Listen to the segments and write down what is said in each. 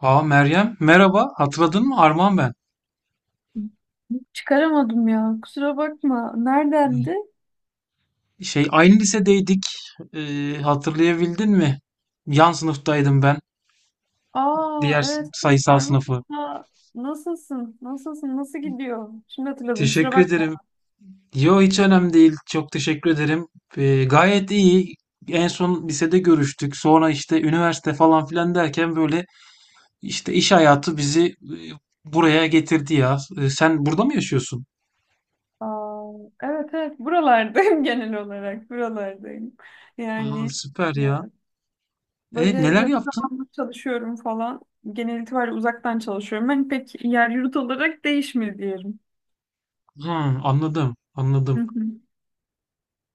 Meryem merhaba, hatırladın mı, Arman ben. Çıkaramadım ya. Kusura bakma. Neredendi? Aynı lisedeydik. Hatırlayabildin mi? Yan sınıftaydım ben, Aa, diğer evet. sayısal sınıfı. Armut'a nasılsın? Nasılsın? Nasıl gidiyor? Şimdi hatırladım. Kusura Teşekkür bakma. ederim. Yo, hiç önemli değil, çok teşekkür ederim. Gayet iyi, en son lisede görüştük, sonra işte üniversite falan filan derken böyle işte iş hayatı bizi buraya getirdi ya. Sen burada mı yaşıyorsun? Aa, evet evet. Buralardayım genel olarak. Buralardayım. Yani Süper e, ya. böyle E neler yakın yaptın? zamanda çalışıyorum falan. Genel itibariyle uzaktan çalışıyorum. Ben pek yer yurt olarak değişmedi diyelim. Hı, anladım Hı anladım. hı.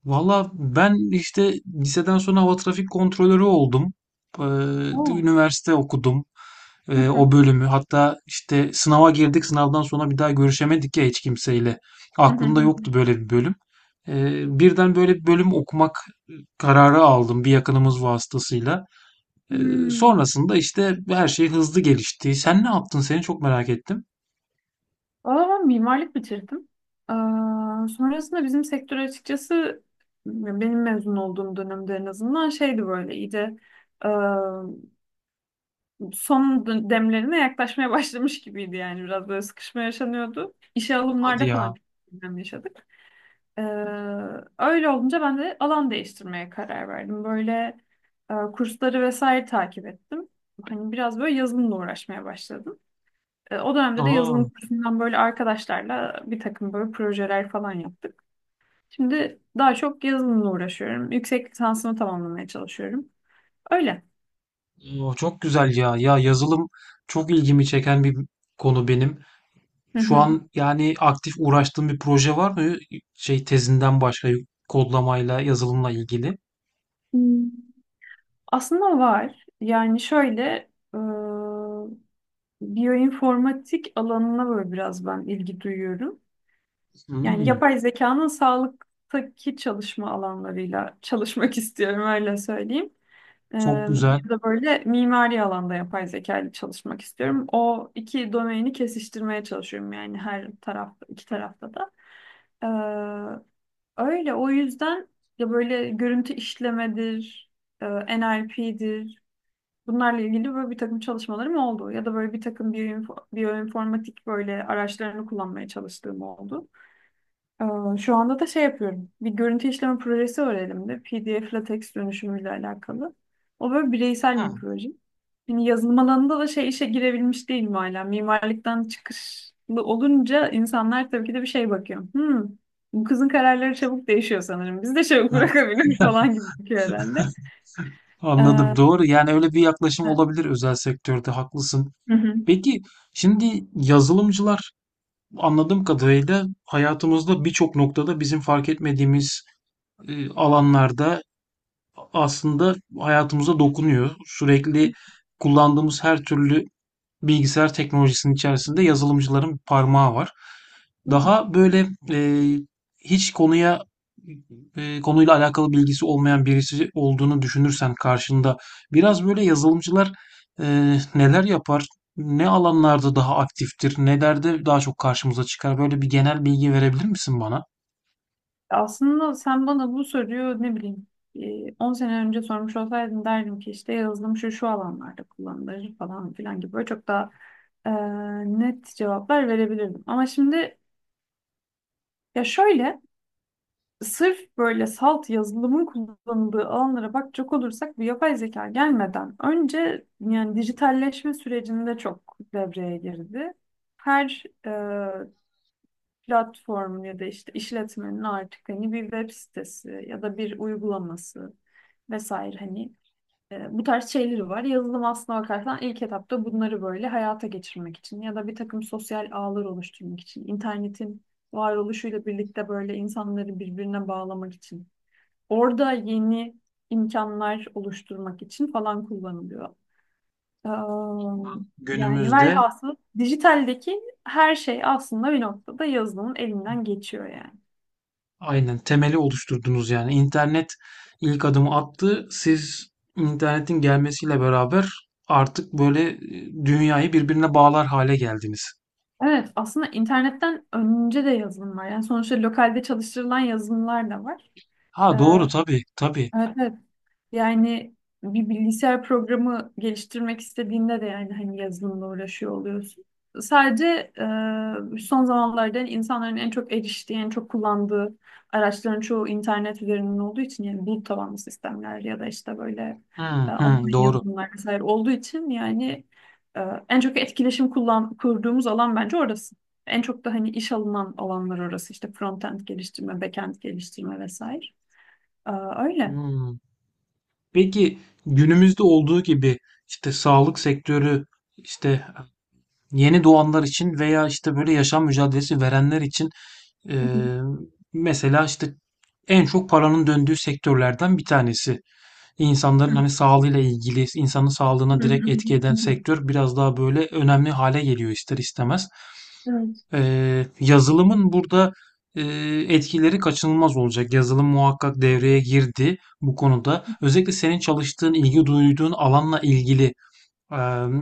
Valla ben işte liseden sonra hava trafik kontrolörü oldum. Ee, Oo. üniversite okudum. Hı hı. O bölümü. Hatta işte sınava girdik. Sınavdan sonra bir daha görüşemedik ya hiç kimseyle. Hı hı Aklımda hı hı. yoktu böyle bir bölüm. Birden böyle bir bölüm okumak kararı aldım, bir yakınımız vasıtasıyla. Hmm. Sonrasında işte her şey hızlı gelişti. Sen ne yaptın? Seni çok merak ettim. Valla ben mimarlık bitirdim. Sonrasında bizim sektör açıkçası benim mezun olduğum dönemde en azından şeydi böyle iyice aa, son demlerine yaklaşmaya başlamış gibiydi yani biraz böyle sıkışma yaşanıyordu. İşe Hadi alımlarda falan ya. çok problem yaşadık. Ee, Öyle olunca ben de alan değiştirmeye karar verdim. Böyle kursları vesaire takip ettim. Hani biraz böyle yazılımla uğraşmaya başladım. O dönemde de Aa, yazılım kursundan böyle arkadaşlarla bir takım böyle projeler falan yaptık. Şimdi daha çok yazılımla uğraşıyorum. Yüksek lisansımı tamamlamaya çalışıyorum. Öyle. Çok güzel ya. Ya yazılım çok ilgimi çeken bir konu benim. Hı Şu hı. an yani aktif uğraştığım bir proje var mı? Şey, tezinden başka, kodlamayla, yazılımla ilgili. Hmm. Aslında var. Yani şöyle e, biyoinformatik alanına böyle biraz ben ilgi duyuyorum. Yani Hmm, yapay zekanın sağlıktaki çalışma alanlarıyla çalışmak istiyorum öyle söyleyeyim. Çok güzel. Ya da böyle mimari alanda yapay zeka ile çalışmak istiyorum. O iki domaini kesiştirmeye çalışıyorum yani her tarafta, iki tarafta da. Ee, Öyle o yüzden ya böyle görüntü işlemedir, e, NLP'dir. Bunlarla ilgili böyle bir takım çalışmalarım oldu. Ya da böyle bir takım biyoinformatik böyle araçlarını kullanmaya çalıştığım oldu. Şu anda da şey yapıyorum. Bir görüntü işleme projesi var elimde. PDF LaTeX dönüşümüyle alakalı. O böyle bireysel bir proje. Yani yazılım alanında da şey işe girebilmiş değilim hala. Mimarlıktan çıkışlı olunca insanlar tabii ki de bir şey bakıyor. Hmm, bu kızın kararları çabuk değişiyor sanırım. Biz de çabuk Ha. bırakabiliriz falan gibi bakıyor herhalde. Anladım, Ee, doğru. Yani öyle bir yaklaşım olabilir özel sektörde, haklısın. Hı Peki, şimdi yazılımcılar, anladığım kadarıyla, hayatımızda birçok noktada bizim fark etmediğimiz alanlarda aslında hayatımıza dokunuyor. Sürekli kullandığımız her türlü bilgisayar teknolojisinin içerisinde yazılımcıların parmağı var. hı. Daha böyle, e, hiç konuya, konuyla alakalı bilgisi olmayan birisi olduğunu düşünürsen karşında, biraz böyle yazılımcılar e, neler yapar, ne alanlarda daha aktiftir, nelerde daha çok karşımıza çıkar? Böyle bir genel bilgi verebilir misin bana? Aslında sen bana bu soruyu ne bileyim 10 sene önce sormuş olsaydın derdim ki işte yazılım şu şu alanlarda kullanılır falan filan gibi böyle çok daha e, net cevaplar verebilirdim. Ama şimdi ya şöyle sırf böyle salt yazılımın kullanıldığı alanlara bakacak olursak bu yapay zeka gelmeden önce yani dijitalleşme sürecinde çok devreye girdi. Her platform ya da işte işletmenin artık hani bir web sitesi ya da bir uygulaması vesaire hani bu tarz şeyleri var. Yazılım aslına bakarsan ilk etapta bunları böyle hayata geçirmek için ya da bir takım sosyal ağlar oluşturmak için, internetin varoluşuyla birlikte böyle insanları birbirine bağlamak için, orada yeni imkanlar oluşturmak için falan kullanılıyor. Am, Yani Günümüzde velhasıl dijitaldeki her şey aslında bir noktada yazılımın elinden geçiyor yani. aynen temeli oluşturdunuz yani. İnternet ilk adımı attı. Siz internetin gelmesiyle beraber artık böyle dünyayı birbirine bağlar hale geldiniz. Evet, aslında internetten önce de yazılım var. Yani sonuçta lokalde çalıştırılan yazılımlar da var. Ha, doğru, tabii tabii. Evet, evet. Yani bir bilgisayar programı geliştirmek istediğinde de yani hani yazılımla uğraşıyor oluyorsun. Sadece son zamanlarda yani insanların en çok eriştiği, en çok kullandığı araçların çoğu internet üzerinden olduğu için yani bulut tabanlı sistemler ya da işte böyle Hı hı, online doğru. yazılımlar vesaire olduğu için yani e, en çok etkileşim kurduğumuz alan bence orası. En çok da hani iş alınan alanlar orası işte frontend geliştirme, backend geliştirme vesaire. Öyle. Hmm. Peki, günümüzde olduğu gibi işte sağlık sektörü, işte yeni doğanlar için veya işte böyle yaşam mücadelesi verenler için, Hı hı. eee, mesela işte en çok paranın döndüğü sektörlerden bir tanesi. İnsanların hani sağlığıyla ilgili, insanın Hı sağlığına direkt hı hı etki eden hı hı. sektör biraz daha böyle önemli hale geliyor ister istemez. Evet. Yazılımın burada etkileri kaçınılmaz olacak. Yazılım muhakkak devreye girdi bu konuda. Özellikle senin çalıştığın, ilgi duyduğun alanla ilgili. Eee,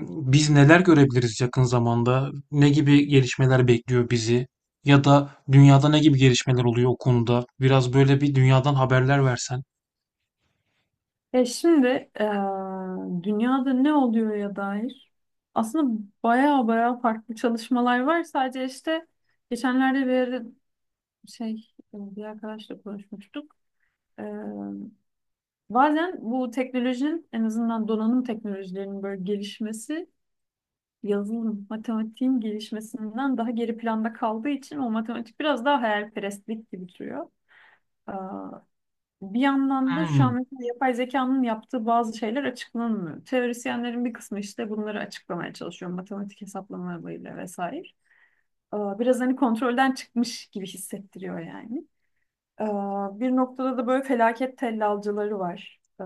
Biz neler görebiliriz yakın zamanda? Ne gibi gelişmeler bekliyor bizi? Ya da dünyada ne gibi gelişmeler oluyor o konuda? Biraz böyle bir dünyadan haberler versen. Şimdi e, dünyada ne oluyor ya dair aslında baya baya farklı çalışmalar var. Sadece işte geçenlerde bir yerde şey bir arkadaşla konuşmuştuk. E, Bazen bu teknolojinin en azından donanım teknolojilerinin böyle gelişmesi yazılım, matematiğin gelişmesinden daha geri planda kaldığı için o matematik biraz daha hayalperestlik gibi duruyor. Bir yandan da şu an Hmm, mesela yapay zekanın yaptığı bazı şeyler açıklanmıyor. Teorisyenlerin bir kısmı işte bunları açıklamaya çalışıyor. Matematik hesaplamalarıyla vesaire. Biraz hani kontrolden çıkmış gibi hissettiriyor yani. Ee, Bir noktada da böyle felaket tellalcıları var.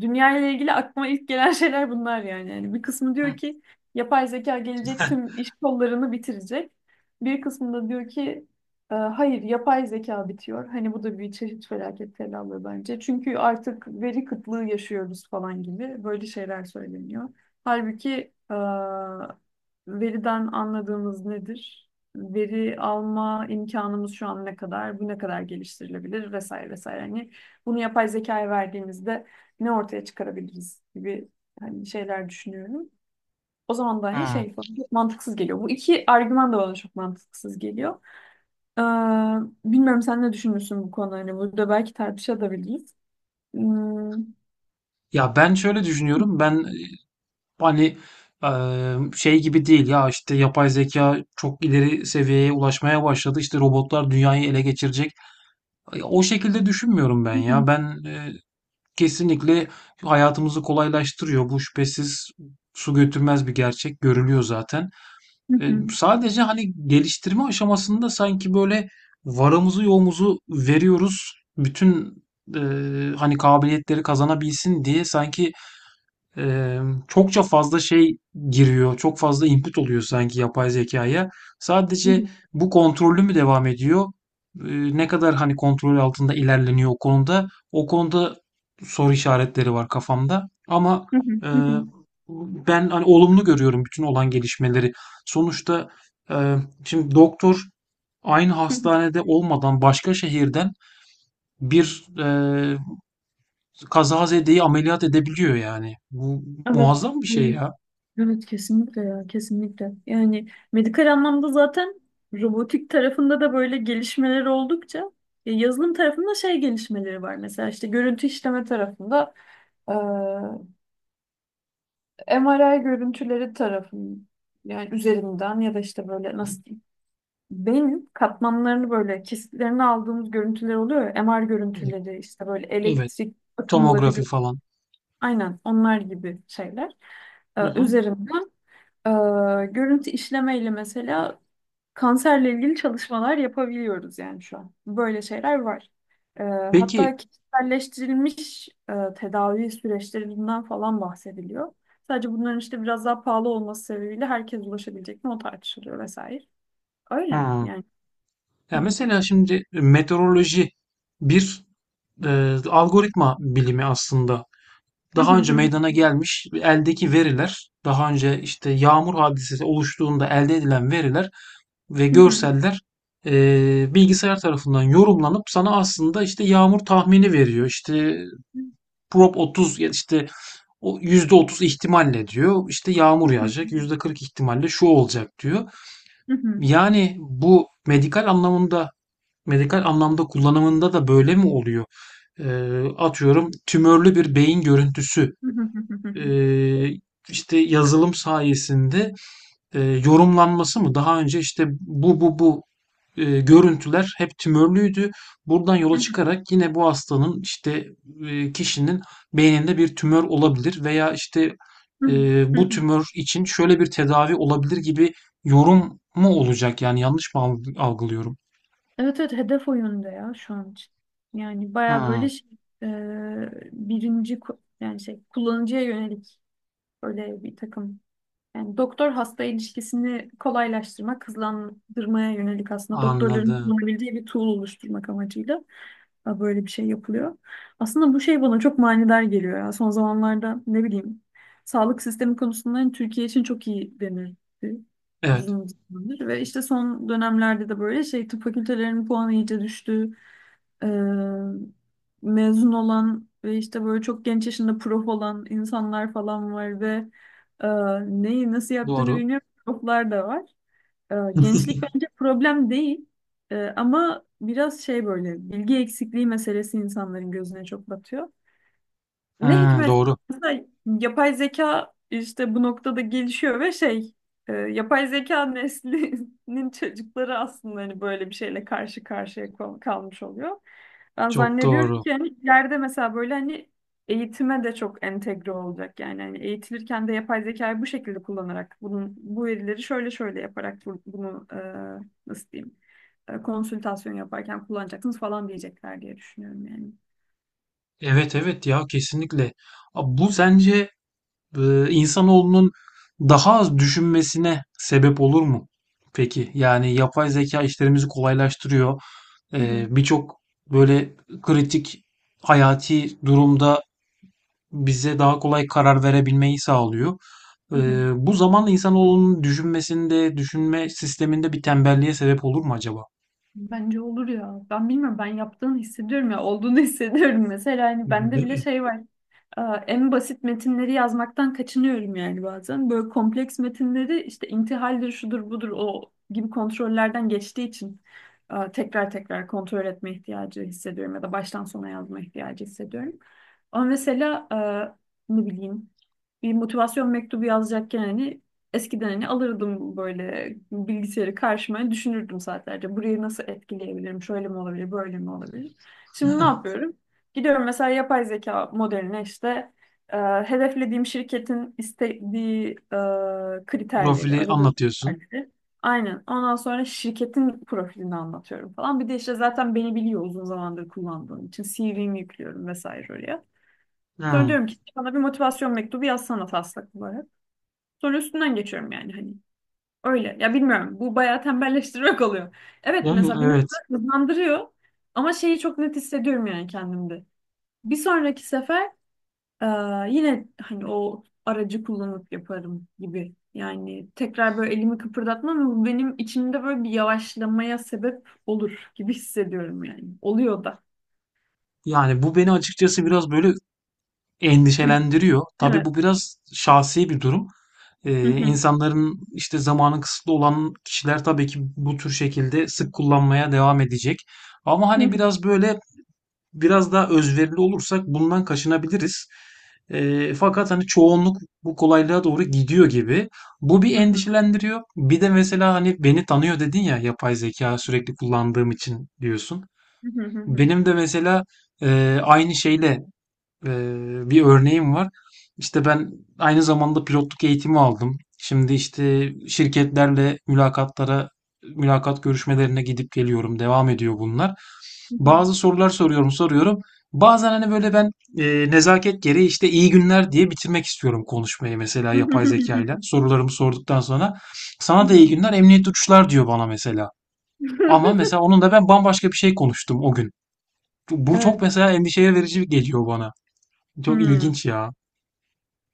Dünya ile ilgili aklıma ilk gelen şeyler bunlar yani. Yani bir kısmı hı, diyor ki yapay zeka gelecek tüm iş kollarını bitirecek. Bir kısmı da diyor ki Hayır yapay zeka bitiyor." Hani bu da bir çeşit felaket tellallığı bence. Çünkü artık veri kıtlığı yaşıyoruz falan gibi böyle şeyler söyleniyor. Halbuki e, veriden anladığımız nedir? Veri alma imkanımız şu an ne kadar, bu ne kadar geliştirilebilir vesaire vesaire. Hani bunu yapay zekaya verdiğimizde ne ortaya çıkarabiliriz gibi hani şeyler düşünüyorum. O zaman da hani hı. şey falan çok mantıksız geliyor. Bu iki argüman da bana çok mantıksız geliyor. Ee, Bilmiyorum sen ne düşünürsün bu konuda. Hani burada belki tartışabiliriz. Hmm. Ya ben şöyle düşünüyorum. Ben hani, e, şey gibi değil ya işte yapay zeka çok ileri seviyeye ulaşmaya başladı. İşte robotlar dünyayı ele geçirecek. O şekilde düşünmüyorum ben ya. Ben kesinlikle hayatımızı kolaylaştırıyor. Bu şüphesiz su götürmez bir gerçek. Görülüyor zaten. Sadece, hani, geliştirme aşamasında sanki, böyle, varımızı yoğumuzu veriyoruz. Bütün, hani, kabiliyetleri kazanabilsin diye sanki Eee, çokça fazla şey giriyor, çok fazla input oluyor sanki yapay zekaya. Sadece bu kontrollü mü devam ediyor? Ne kadar hani kontrol altında ilerleniyor o konuda? O konuda soru işaretleri var kafamda. Ama eee, ben hani olumlu görüyorum bütün olan gelişmeleri. Sonuçta eee, şimdi doktor aynı hastanede olmadan başka şehirden bir kazazedeyi ameliyat edebiliyor yani. Bu Evet. muazzam bir şey ya. Evet kesinlikle ya, kesinlikle. Yani medikal anlamda zaten robotik tarafında da böyle gelişmeler oldukça ya yazılım tarafında şey gelişmeleri var. Mesela işte görüntü işleme tarafında eee MRI görüntüleri tarafın yani üzerinden ya da işte böyle Hı. nasıl diyeyim beyin katmanlarını böyle kesitlerini aldığımız görüntüler oluyor ya, MR Evet, görüntüleri işte böyle evet. elektrik akımları Tomografi falan. aynen onlar gibi şeyler Hı hı. üzerinden Ee, görüntü işlemeyle mesela kanserle ilgili çalışmalar yapabiliyoruz yani şu an. Böyle şeyler var. Ee, Hatta Peki, kişiselleştirilmiş tedavi süreçlerinden falan bahsediliyor. Sadece bunların işte biraz daha pahalı olması sebebiyle herkes ulaşabilecek mi o tartışılıyor vesaire. Öyle hı. yani. Ya mesela şimdi meteoroloji bir e, algoritma bilimi aslında. Daha önce meydana gelmiş eldeki veriler, daha önce işte yağmur hadisesi oluştuğunda elde edilen veriler ve görseller e, bilgisayar tarafından yorumlanıp sana aslında işte yağmur tahmini veriyor. İşte prop 30 ya, işte o %30 ihtimalle diyor. İşte yağmur yağacak, %40 ihtimalle şu olacak diyor. Yani bu medikal anlamında, medikal anlamda kullanımında da böyle mi oluyor? Atıyorum, tümörlü bir beyin görüntüsü, ee, işte yazılım sayesinde yorumlanması mı? Daha önce işte bu görüntüler hep tümörlüydü. Buradan yola çıkarak yine bu hastanın, işte kişinin beyninde bir tümör olabilir veya işte bu tümör için şöyle bir tedavi olabilir gibi yorum mu olacak? Yani yanlış mı algılıyorum? Evet evet, hedef o yönde ya şu an için. Yani baya Hmm, böyle şey, e, birinci yani şey kullanıcıya yönelik böyle bir takım. Yani doktor hasta ilişkisini kolaylaştırmak, hızlandırmaya yönelik aslında doktorların anladım. kullanabildiği bir tool oluşturmak amacıyla da böyle bir şey yapılıyor. Aslında bu şey bana çok manidar geliyor ya. Son zamanlarda ne bileyim sağlık sistemi konusunda hani Türkiye için çok iyi denildi Evet, uzun zamandır. Ve işte son dönemlerde de böyle şey tıp fakültelerinin puanı iyice düştü. Ee, Mezun olan ve işte böyle çok genç yaşında prof olan insanlar falan var ve e, neyi nasıl yaptığını doğru. bilmiyorum. Proflar da var. Gençlik bence problem değil. Ama biraz şey böyle bilgi eksikliği meselesi insanların gözüne çok batıyor. Ne Hmm, hikmet doğru. mesela yapay zeka işte bu noktada gelişiyor ve şey yapay zeka neslinin çocukları aslında hani böyle bir şeyle karşı karşıya kalmış oluyor. Ben Çok zannediyorum doğru. ki hani ileride mesela böyle hani eğitime de çok entegre olacak yani hani eğitilirken de yapay zekayı bu şekilde kullanarak bunun bu verileri şöyle şöyle yaparak bunu nasıl diyeyim konsültasyon yaparken kullanacaksınız falan diyecekler diye düşünüyorum yani. Evet evet ya, kesinlikle. Abi, bu sence insanoğlunun daha az düşünmesine sebep olur mu peki? Yani yapay zeka işlerimizi kolaylaştırıyor. Hı hı. Birçok böyle kritik, hayati durumda bize daha kolay karar verebilmeyi sağlıyor. Hı hı. Bu zamanla insanoğlunun düşünmesinde, düşünme sisteminde bir tembelliğe sebep olur mu acaba? Bence olur ya. Ben bilmiyorum, ben yaptığını hissediyorum ya, olduğunu hissediyorum. Mesela hani bende Değil bile mi? şey var. En basit metinleri yazmaktan kaçınıyorum yani bazen. Böyle kompleks metinleri işte intihaldir, şudur, budur o gibi kontrollerden geçtiği için tekrar tekrar kontrol etme ihtiyacı hissediyorum ya da baştan sona yazma ihtiyacı hissediyorum. Ama mesela ne bileyim bir motivasyon mektubu yazacakken hani eskiden hani alırdım böyle bilgisayarı karşıma hani düşünürdüm saatlerce. Burayı nasıl etkileyebilirim? Şöyle mi olabilir, böyle mi olabilir? Şimdi ne yapıyorum? Gidiyorum mesela yapay zeka modeline işte e, hedeflediğim şirketin istediği kriterleri, Profili aradığı anlatıyorsun. kriterleri. Aynen. Ondan sonra şirketin profilini anlatıyorum falan. Bir de işte zaten beni biliyor uzun zamandır kullandığım için. CV'mi yüklüyorum vesaire oraya. Sonra Hıı. diyorum ki bana bir motivasyon mektubu yazsana taslak olarak. Sonra üstünden geçiyorum yani hani. Öyle. Ya bilmiyorum. Bu bayağı tembelleştirmek oluyor. Evet, Yani mesela beni evet. hızlandırıyor. Ama şeyi çok net hissediyorum yani kendimde. Bir sonraki sefer ee, yine hani o aracı kullanıp yaparım gibi. Yani tekrar böyle elimi kıpırdatmam ama bu benim içimde böyle bir yavaşlamaya sebep olur gibi hissediyorum yani. Oluyor da. Yani bu beni açıkçası biraz böyle endişelendiriyor. Tabii Evet. bu biraz şahsi bir durum. İnsanların işte zamanı kısıtlı olan kişiler tabii ki bu tür şekilde sık kullanmaya devam edecek. Ama hani biraz böyle biraz daha özverili olursak bundan kaçınabiliriz. Fakat hani çoğunluk bu kolaylığa doğru gidiyor gibi. Bu bir endişelendiriyor. Bir de mesela hani beni tanıyor dedin ya yapay zeka sürekli kullandığım için, diyorsun. Benim de mesela aynı şeyle Eee, bir örneğim var. İşte ben aynı zamanda pilotluk eğitimi aldım. Şimdi işte şirketlerle mülakatlara, mülakat görüşmelerine gidip geliyorum. Devam ediyor bunlar. Bazı sorular soruyorum. Bazen hani böyle ben nezaket gereği işte iyi günler diye bitirmek istiyorum konuşmayı, mesela yapay zekayla. Sorularımı sorduktan sonra sana da iyi günler, emniyet uçuşlar diyor bana mesela. Ama mesela onun da ben bambaşka bir şey konuştum o gün. Bu Evet. çok mesela endişe verici geliyor bana. Çok Hmm. ilginç ya.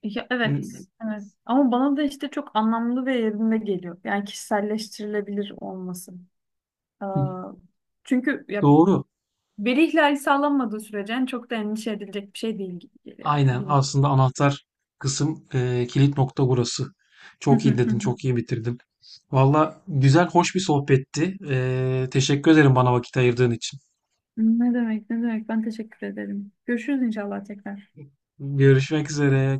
Ya, Hmm, evet. Evet. Ama bana da işte çok anlamlı ve yerinde geliyor. Yani kişiselleştirilebilir olması. Ee, Çünkü ya, doğru. veri ihlali sağlanmadığı sürece yani çok da endişe edilecek bir şey değil gibi geliyor Aynen. yani. Aslında anahtar kısım, kilit nokta burası. Çok iyi dedin, çok Bilmiyorum. iyi bitirdin. Valla güzel, hoş bir sohbetti. E, teşekkür ederim bana vakit ayırdığın için. Ne demek, ne demek. Ben teşekkür ederim. Görüşürüz inşallah tekrar. Görüşmek üzere.